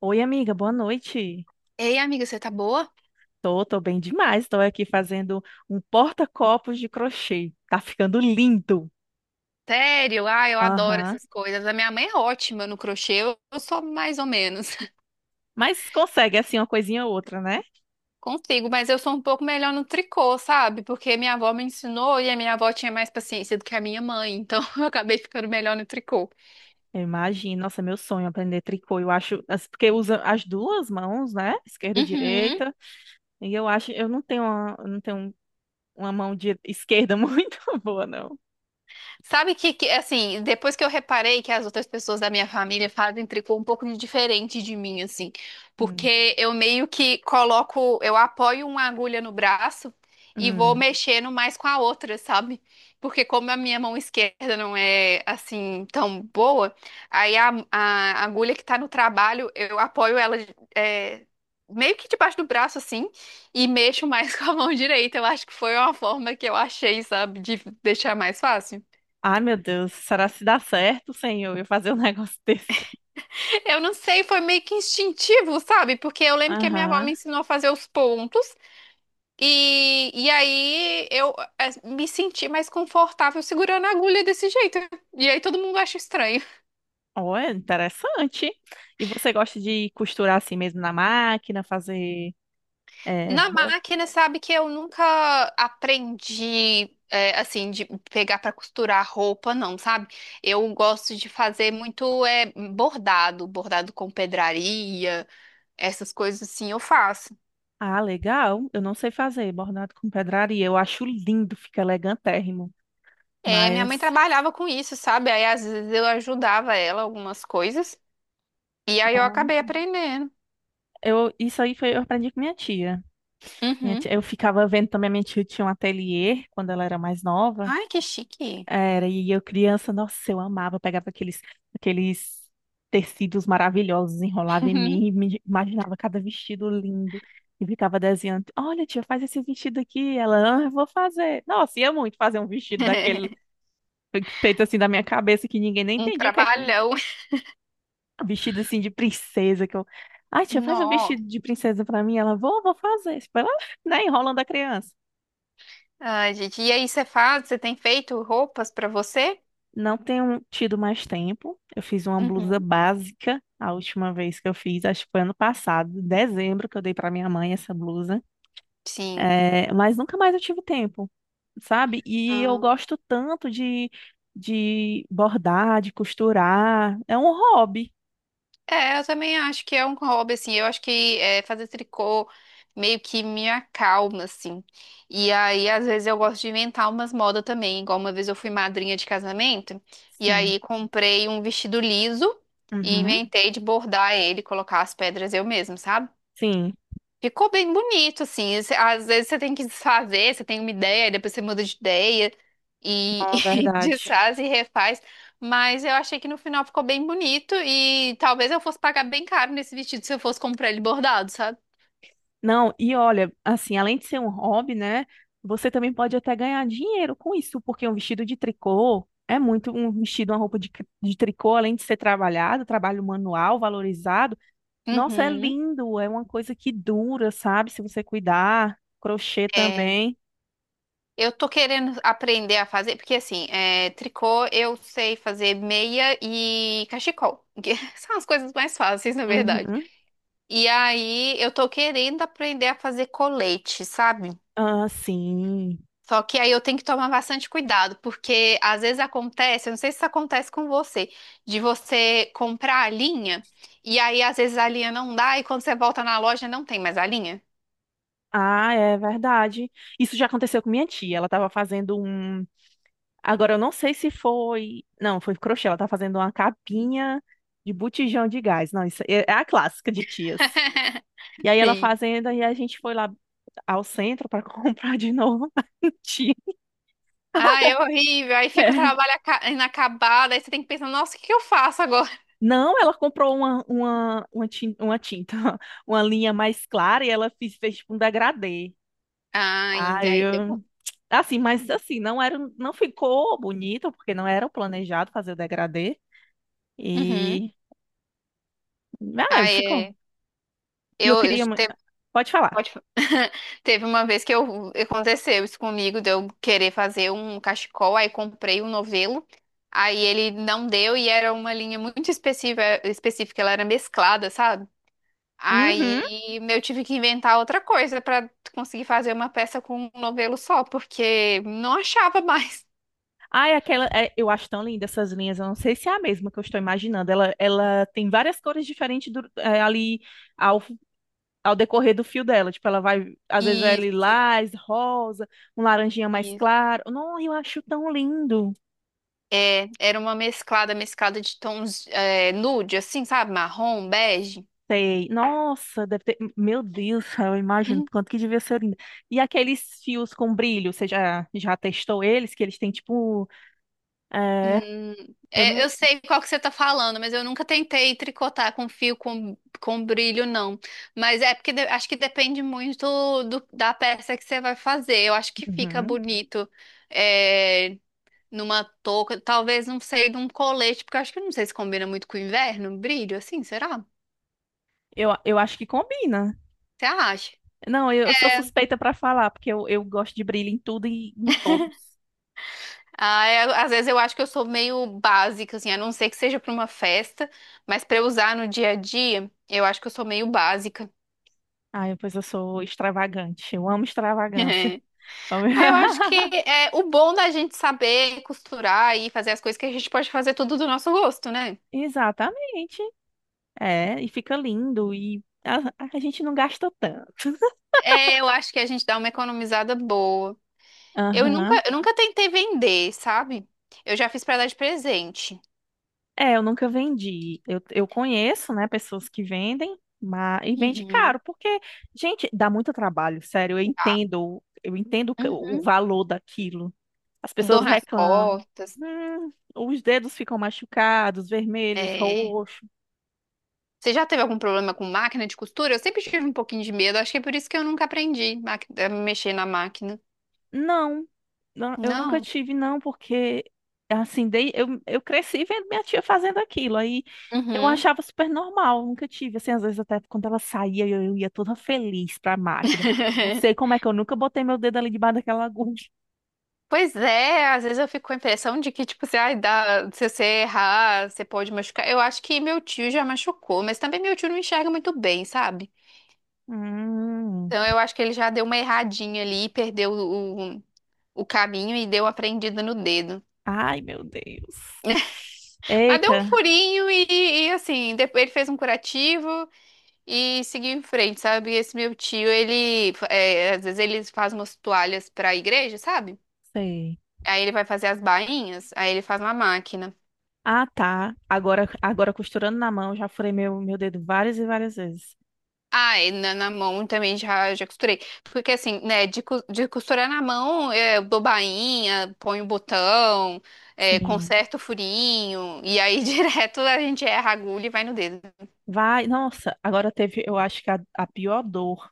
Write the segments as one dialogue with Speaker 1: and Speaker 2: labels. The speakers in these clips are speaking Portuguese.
Speaker 1: Oi, amiga, boa noite.
Speaker 2: Ei, amiga, você tá boa?
Speaker 1: Tô bem demais. Tô aqui fazendo um porta-copos de crochê. Tá ficando lindo.
Speaker 2: Sério? Ah, eu adoro
Speaker 1: Aham.
Speaker 2: essas coisas. A minha mãe é ótima no crochê, eu sou mais ou menos.
Speaker 1: Mas consegue, assim, uma coisinha ou outra, né?
Speaker 2: Consigo, mas eu sou um pouco melhor no tricô, sabe? Porque minha avó me ensinou e a minha avó tinha mais paciência do que a minha mãe, então eu acabei ficando melhor no tricô.
Speaker 1: Eu imagino. Nossa, meu sonho é aprender tricô. Eu acho, porque usa as duas mãos, né? Esquerda e
Speaker 2: Uhum.
Speaker 1: direita. E eu acho, eu não tenho uma mão de esquerda muito boa, não.
Speaker 2: Sabe que, assim, depois que eu reparei que as outras pessoas da minha família fazem tricô um pouco de diferente de mim, assim,
Speaker 1: Hum,
Speaker 2: porque eu meio que coloco, eu apoio uma agulha no braço e vou
Speaker 1: hum.
Speaker 2: mexendo mais com a outra, sabe? Porque como a minha mão esquerda não é, assim, tão boa, aí a agulha que tá no trabalho, eu apoio ela, é, meio que debaixo do braço, assim, e mexo mais com a mão direita. Eu acho que foi uma forma que eu achei, sabe, de deixar mais fácil.
Speaker 1: Ai, meu Deus. Será se dá certo, senhor, eu fazer um negócio desse?
Speaker 2: Eu não sei, foi meio que instintivo, sabe? Porque eu lembro que a minha avó me
Speaker 1: Aham.
Speaker 2: ensinou a fazer os pontos e aí eu me senti mais confortável segurando a agulha desse jeito. E aí todo mundo acha estranho.
Speaker 1: Oh, é interessante. E você gosta de costurar assim mesmo na máquina, fazer, é,
Speaker 2: Na
Speaker 1: roupa?
Speaker 2: máquina, sabe que eu nunca aprendi, assim, de pegar para costurar roupa, não, sabe? Eu gosto de fazer muito bordado com pedraria, essas coisas assim eu faço.
Speaker 1: Ah, legal. Eu não sei fazer bordado com pedraria. Eu acho lindo, fica elegantérrimo.
Speaker 2: É, minha mãe
Speaker 1: Mas
Speaker 2: trabalhava com isso, sabe? Aí às vezes eu ajudava ela algumas coisas e aí eu
Speaker 1: ó,
Speaker 2: acabei aprendendo.
Speaker 1: eu, isso aí foi, eu aprendi com minha tia.
Speaker 2: Uhum.
Speaker 1: Eu ficava vendo também, a minha tia tinha um ateliê quando ela era mais nova.
Speaker 2: Ai, que chique.
Speaker 1: Era, e eu criança, nossa, eu amava, eu pegava aqueles tecidos maravilhosos, enrolava em mim, e me imaginava cada vestido lindo, e ficava desenhando: olha tia, faz esse vestido aqui, ela: ah, eu vou fazer. Nossa, ia muito fazer um vestido daquele, feito assim da minha cabeça, que ninguém nem
Speaker 2: Um
Speaker 1: entendia o que é um
Speaker 2: trabalhão.
Speaker 1: vestido assim de princesa, que eu: ai tia, faz um
Speaker 2: Nó.
Speaker 1: vestido de princesa pra mim, ela: vou fazer, tipo, ela, né, enrolando a criança.
Speaker 2: Ai, gente. E aí, você faz? Você tem feito roupas pra você?
Speaker 1: Não tenho tido mais tempo. Eu fiz uma blusa
Speaker 2: Uhum.
Speaker 1: básica a última vez que eu fiz, acho que foi ano passado, em dezembro, que eu dei para minha mãe essa blusa.
Speaker 2: Sim.
Speaker 1: É, mas nunca mais eu tive tempo, sabe? E eu gosto tanto de bordar, de costurar. É um hobby.
Speaker 2: É, eu também acho que é um hobby, assim. Eu acho que é, fazer tricô meio que me acalma, assim. E aí, às vezes, eu gosto de inventar umas modas também. Igual uma vez eu fui madrinha de casamento, e
Speaker 1: Sim.
Speaker 2: aí comprei um vestido liso e
Speaker 1: Uhum.
Speaker 2: inventei de bordar ele, colocar as pedras eu mesma, sabe?
Speaker 1: Sim,
Speaker 2: Ficou bem bonito, assim. Às vezes você tem que desfazer, você tem uma ideia, e depois você muda de ideia
Speaker 1: é
Speaker 2: e,
Speaker 1: uma
Speaker 2: e
Speaker 1: verdade.
Speaker 2: desfaz e refaz. Mas eu achei que no final ficou bem bonito e talvez eu fosse pagar bem caro nesse vestido se eu fosse comprar ele bordado, sabe?
Speaker 1: Não, e olha, assim, além de ser um hobby, né? Você também pode até ganhar dinheiro com isso, porque um vestido de tricô é muito um vestido, uma roupa de tricô, além de ser trabalhado, trabalho manual, valorizado. Nossa, é
Speaker 2: Uhum.
Speaker 1: lindo, é uma coisa que dura, sabe? Se você cuidar, crochê
Speaker 2: É,
Speaker 1: também.
Speaker 2: eu tô querendo aprender a fazer, porque assim, tricô eu sei fazer meia e cachecol, que são as coisas mais fáceis, na verdade.
Speaker 1: Uhum.
Speaker 2: E aí eu tô querendo aprender a fazer colete, sabe?
Speaker 1: Ah, sim.
Speaker 2: Só que aí eu tenho que tomar bastante cuidado, porque às vezes acontece, eu não sei se isso acontece com você, de você comprar a linha e aí às vezes a linha não dá e quando você volta na loja não tem mais a linha.
Speaker 1: Ah, é verdade. Isso já aconteceu com minha tia. Ela estava fazendo um... Agora, eu não sei se foi. Não, foi crochê. Ela tá fazendo uma capinha de botijão de gás. Não, isso é a clássica de tias. E aí ela
Speaker 2: Sim.
Speaker 1: fazendo, e a gente foi lá ao centro para comprar de novo uma tinta.
Speaker 2: Ah, é horrível. Aí fica o
Speaker 1: É.
Speaker 2: trabalho inacabado, aí você tem que pensar, nossa, o que que eu faço agora?
Speaker 1: Não, ela comprou uma tinta, uma linha mais clara e ela fez tipo um degradê.
Speaker 2: Ah,
Speaker 1: Ah,
Speaker 2: e aí deu bom.
Speaker 1: eu... Assim, mas assim, não era, não ficou bonito, porque não era o planejado fazer o degradê.
Speaker 2: Uhum.
Speaker 1: E... Ah,
Speaker 2: Ah,
Speaker 1: ficou.
Speaker 2: é.
Speaker 1: E eu
Speaker 2: Eu
Speaker 1: queria, pode falar.
Speaker 2: Pode fa- Teve uma vez que eu, aconteceu isso comigo, de eu querer fazer um cachecol, aí comprei um novelo, aí ele não deu e era uma linha muito específica, ela era mesclada, sabe?
Speaker 1: Uhum.
Speaker 2: Aí eu tive que inventar outra coisa pra conseguir fazer uma peça com um novelo só, porque não achava mais.
Speaker 1: Ai, aquela, é, eu acho tão linda essas linhas. Eu não sei se é a mesma que eu estou imaginando. Ela tem várias cores diferentes é, ali ao, ao decorrer do fio dela. Tipo, ela vai, às vezes é
Speaker 2: Isso,
Speaker 1: lilás, rosa, um laranjinha mais
Speaker 2: isso.
Speaker 1: claro. Não, eu acho tão lindo.
Speaker 2: É, era uma mesclada de tons, nude, assim, sabe? Marrom, bege.
Speaker 1: Sei. Nossa, deve ter. Meu Deus, eu imagino quanto que devia ser lindo. E aqueles fios com brilho, você já testou eles? Que eles têm tipo, é,
Speaker 2: Hum,
Speaker 1: eu
Speaker 2: é,
Speaker 1: não.
Speaker 2: eu sei qual que você tá falando, mas eu nunca tentei tricotar com fio com brilho, não. Mas é porque acho que depende muito da peça que você vai fazer. Eu acho que fica
Speaker 1: Uhum.
Speaker 2: bonito é, numa touca, talvez não sei, num colete, porque eu acho que não sei se combina muito com o inverno, brilho, assim, será?
Speaker 1: Eu acho que combina.
Speaker 2: Você acha?
Speaker 1: Não, eu sou
Speaker 2: É.
Speaker 1: suspeita pra falar, porque eu gosto de brilho em tudo e em todos.
Speaker 2: Ah, é, às vezes eu acho que eu sou meio básica, assim, a não ser que seja para uma festa, mas para usar no dia a dia, eu acho que eu sou meio básica.
Speaker 1: Ah, pois eu sou extravagante. Eu amo extravagância.
Speaker 2: Ah, eu acho que é o bom da gente saber costurar e fazer as coisas que a gente pode fazer tudo do nosso gosto, né?
Speaker 1: Exatamente. É, e fica lindo e a gente não gasta tanto.
Speaker 2: É, eu acho que a gente dá uma economizada boa. Eu nunca,
Speaker 1: Aham.
Speaker 2: eu nunca tentei vender, sabe? Eu já fiz pra dar de presente.
Speaker 1: É, eu nunca vendi. Eu conheço, né, pessoas que vendem, mas e vende
Speaker 2: Uhum.
Speaker 1: caro, porque, gente, dá muito trabalho, sério,
Speaker 2: Tá.
Speaker 1: eu entendo o
Speaker 2: Uhum.
Speaker 1: valor daquilo. As
Speaker 2: Dor
Speaker 1: pessoas
Speaker 2: nas
Speaker 1: reclamam.
Speaker 2: costas.
Speaker 1: Os dedos ficam machucados, vermelhos,
Speaker 2: É.
Speaker 1: roxo.
Speaker 2: Você já teve algum problema com máquina de costura? Eu sempre tive um pouquinho de medo. Acho que é por isso que eu nunca aprendi a mexer na máquina.
Speaker 1: Não, não, eu nunca
Speaker 2: Não.
Speaker 1: tive, não, porque assim, dei, eu cresci vendo minha tia fazendo aquilo. Aí eu
Speaker 2: Uhum.
Speaker 1: achava super normal, nunca tive. Assim, às vezes até quando ela saía, eu ia toda feliz pra máquina. Não sei como é que eu nunca botei meu dedo ali debaixo daquela agulha.
Speaker 2: Pois é, às vezes eu fico com a impressão de que, tipo, se, ai, dá, se você errar, você pode machucar. Eu acho que meu tio já machucou, mas também meu tio não enxerga muito bem, sabe?
Speaker 1: Hum,
Speaker 2: Então eu acho que ele já deu uma erradinha ali, perdeu o caminho e deu uma prendida no dedo.
Speaker 1: ai, meu Deus.
Speaker 2: Mas deu um
Speaker 1: Eita,
Speaker 2: furinho e, assim, depois ele fez um curativo e seguiu em frente, sabe? Esse meu tio, ele, às vezes ele faz umas toalhas pra igreja, sabe?
Speaker 1: sei.
Speaker 2: Aí ele vai fazer as bainhas, aí ele faz uma máquina.
Speaker 1: Ah, tá. Agora costurando na mão, já furei meu dedo várias e várias vezes.
Speaker 2: Ah, e na mão também já costurei. Porque assim, né, de costurar na mão, eu dou bainha, ponho botão,
Speaker 1: Sim.
Speaker 2: conserto o furinho, e aí direto a gente erra a agulha e vai no dedo.
Speaker 1: Vai, nossa, agora teve, eu acho que a pior dor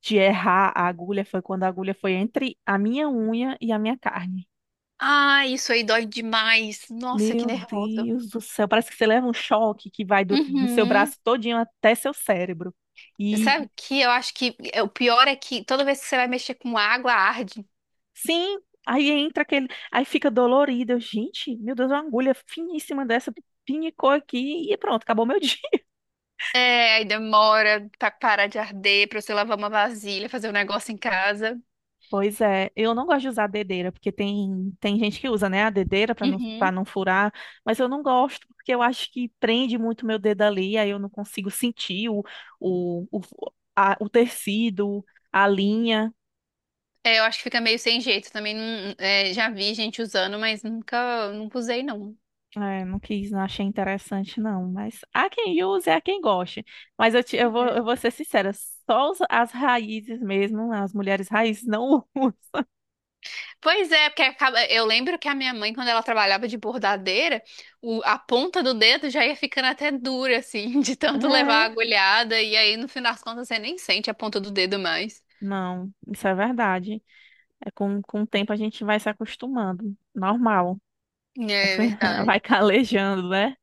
Speaker 1: de errar a agulha foi quando a agulha foi entre a minha unha e a minha carne.
Speaker 2: Ah, isso aí dói demais. Nossa, que
Speaker 1: Meu
Speaker 2: nervoso.
Speaker 1: Deus do céu, parece que você leva um choque que vai no seu
Speaker 2: Uhum.
Speaker 1: braço todinho até seu cérebro. E
Speaker 2: Sabe o que eu acho que é, o pior é que toda vez que você vai mexer com água, arde.
Speaker 1: sim, aí entra aquele, aí fica dolorido. Eu, gente, meu Deus, uma agulha finíssima dessa pinicou aqui e pronto, acabou meu dia.
Speaker 2: É, aí demora pra parar de arder, pra você lavar uma vasilha, fazer um negócio em casa.
Speaker 1: Pois é, eu não gosto de usar dedeira, porque tem gente que usa, né, a dedeira para não furar, mas eu não gosto porque eu acho que prende muito meu dedo ali, aí eu não consigo sentir o, o, o tecido, a linha.
Speaker 2: É, eu acho que fica meio sem jeito também. Não, é, já vi gente usando, mas nunca, nunca usei, não.
Speaker 1: É, não quis, não achei interessante, não. Mas há quem use, há quem goste. Mas eu vou ser sincera, só as raízes mesmo, as mulheres raízes não usam.
Speaker 2: Pois é, porque acaba, eu lembro que a minha mãe, quando ela trabalhava de bordadeira, a ponta do dedo já ia ficando até dura, assim, de tanto levar a
Speaker 1: É,
Speaker 2: agulhada, e aí no fim das contas você nem sente a ponta do dedo mais.
Speaker 1: não, isso é verdade. É, com o tempo a gente vai se acostumando. Normal.
Speaker 2: É verdade.
Speaker 1: Vai calejando, né?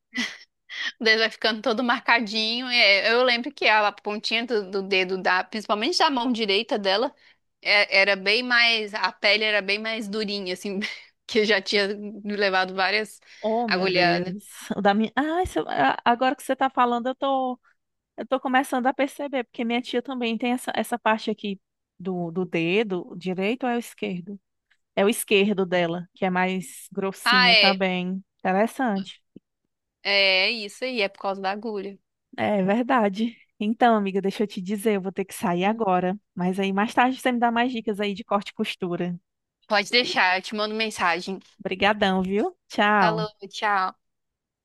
Speaker 2: O dedo vai ficando todo marcadinho. É, eu lembro que a pontinha do dedo da, principalmente da mão direita dela, Era bem mais, a pele era bem mais durinha, assim, que eu já tinha me levado várias,
Speaker 1: Oh,
Speaker 2: Aham,
Speaker 1: meu
Speaker 2: agulhadas.
Speaker 1: Deus. O da minha... Ah, se a- agora que você tá falando, eu tô começando a perceber, porque minha tia também tem essa parte aqui do dedo, o direito ou é o esquerdo? É o esquerdo dela, que é mais
Speaker 2: Ah,
Speaker 1: grossinho
Speaker 2: é,
Speaker 1: também. Interessante.
Speaker 2: é, é isso aí, é por causa da agulha.
Speaker 1: É verdade. Então, amiga, deixa eu te dizer, eu vou ter que sair
Speaker 2: Hum.
Speaker 1: agora. Mas aí mais tarde você me dá mais dicas aí de corte e costura.
Speaker 2: Pode deixar, eu te mando mensagem.
Speaker 1: Obrigadão, viu? Tchau.
Speaker 2: Falou, tchau.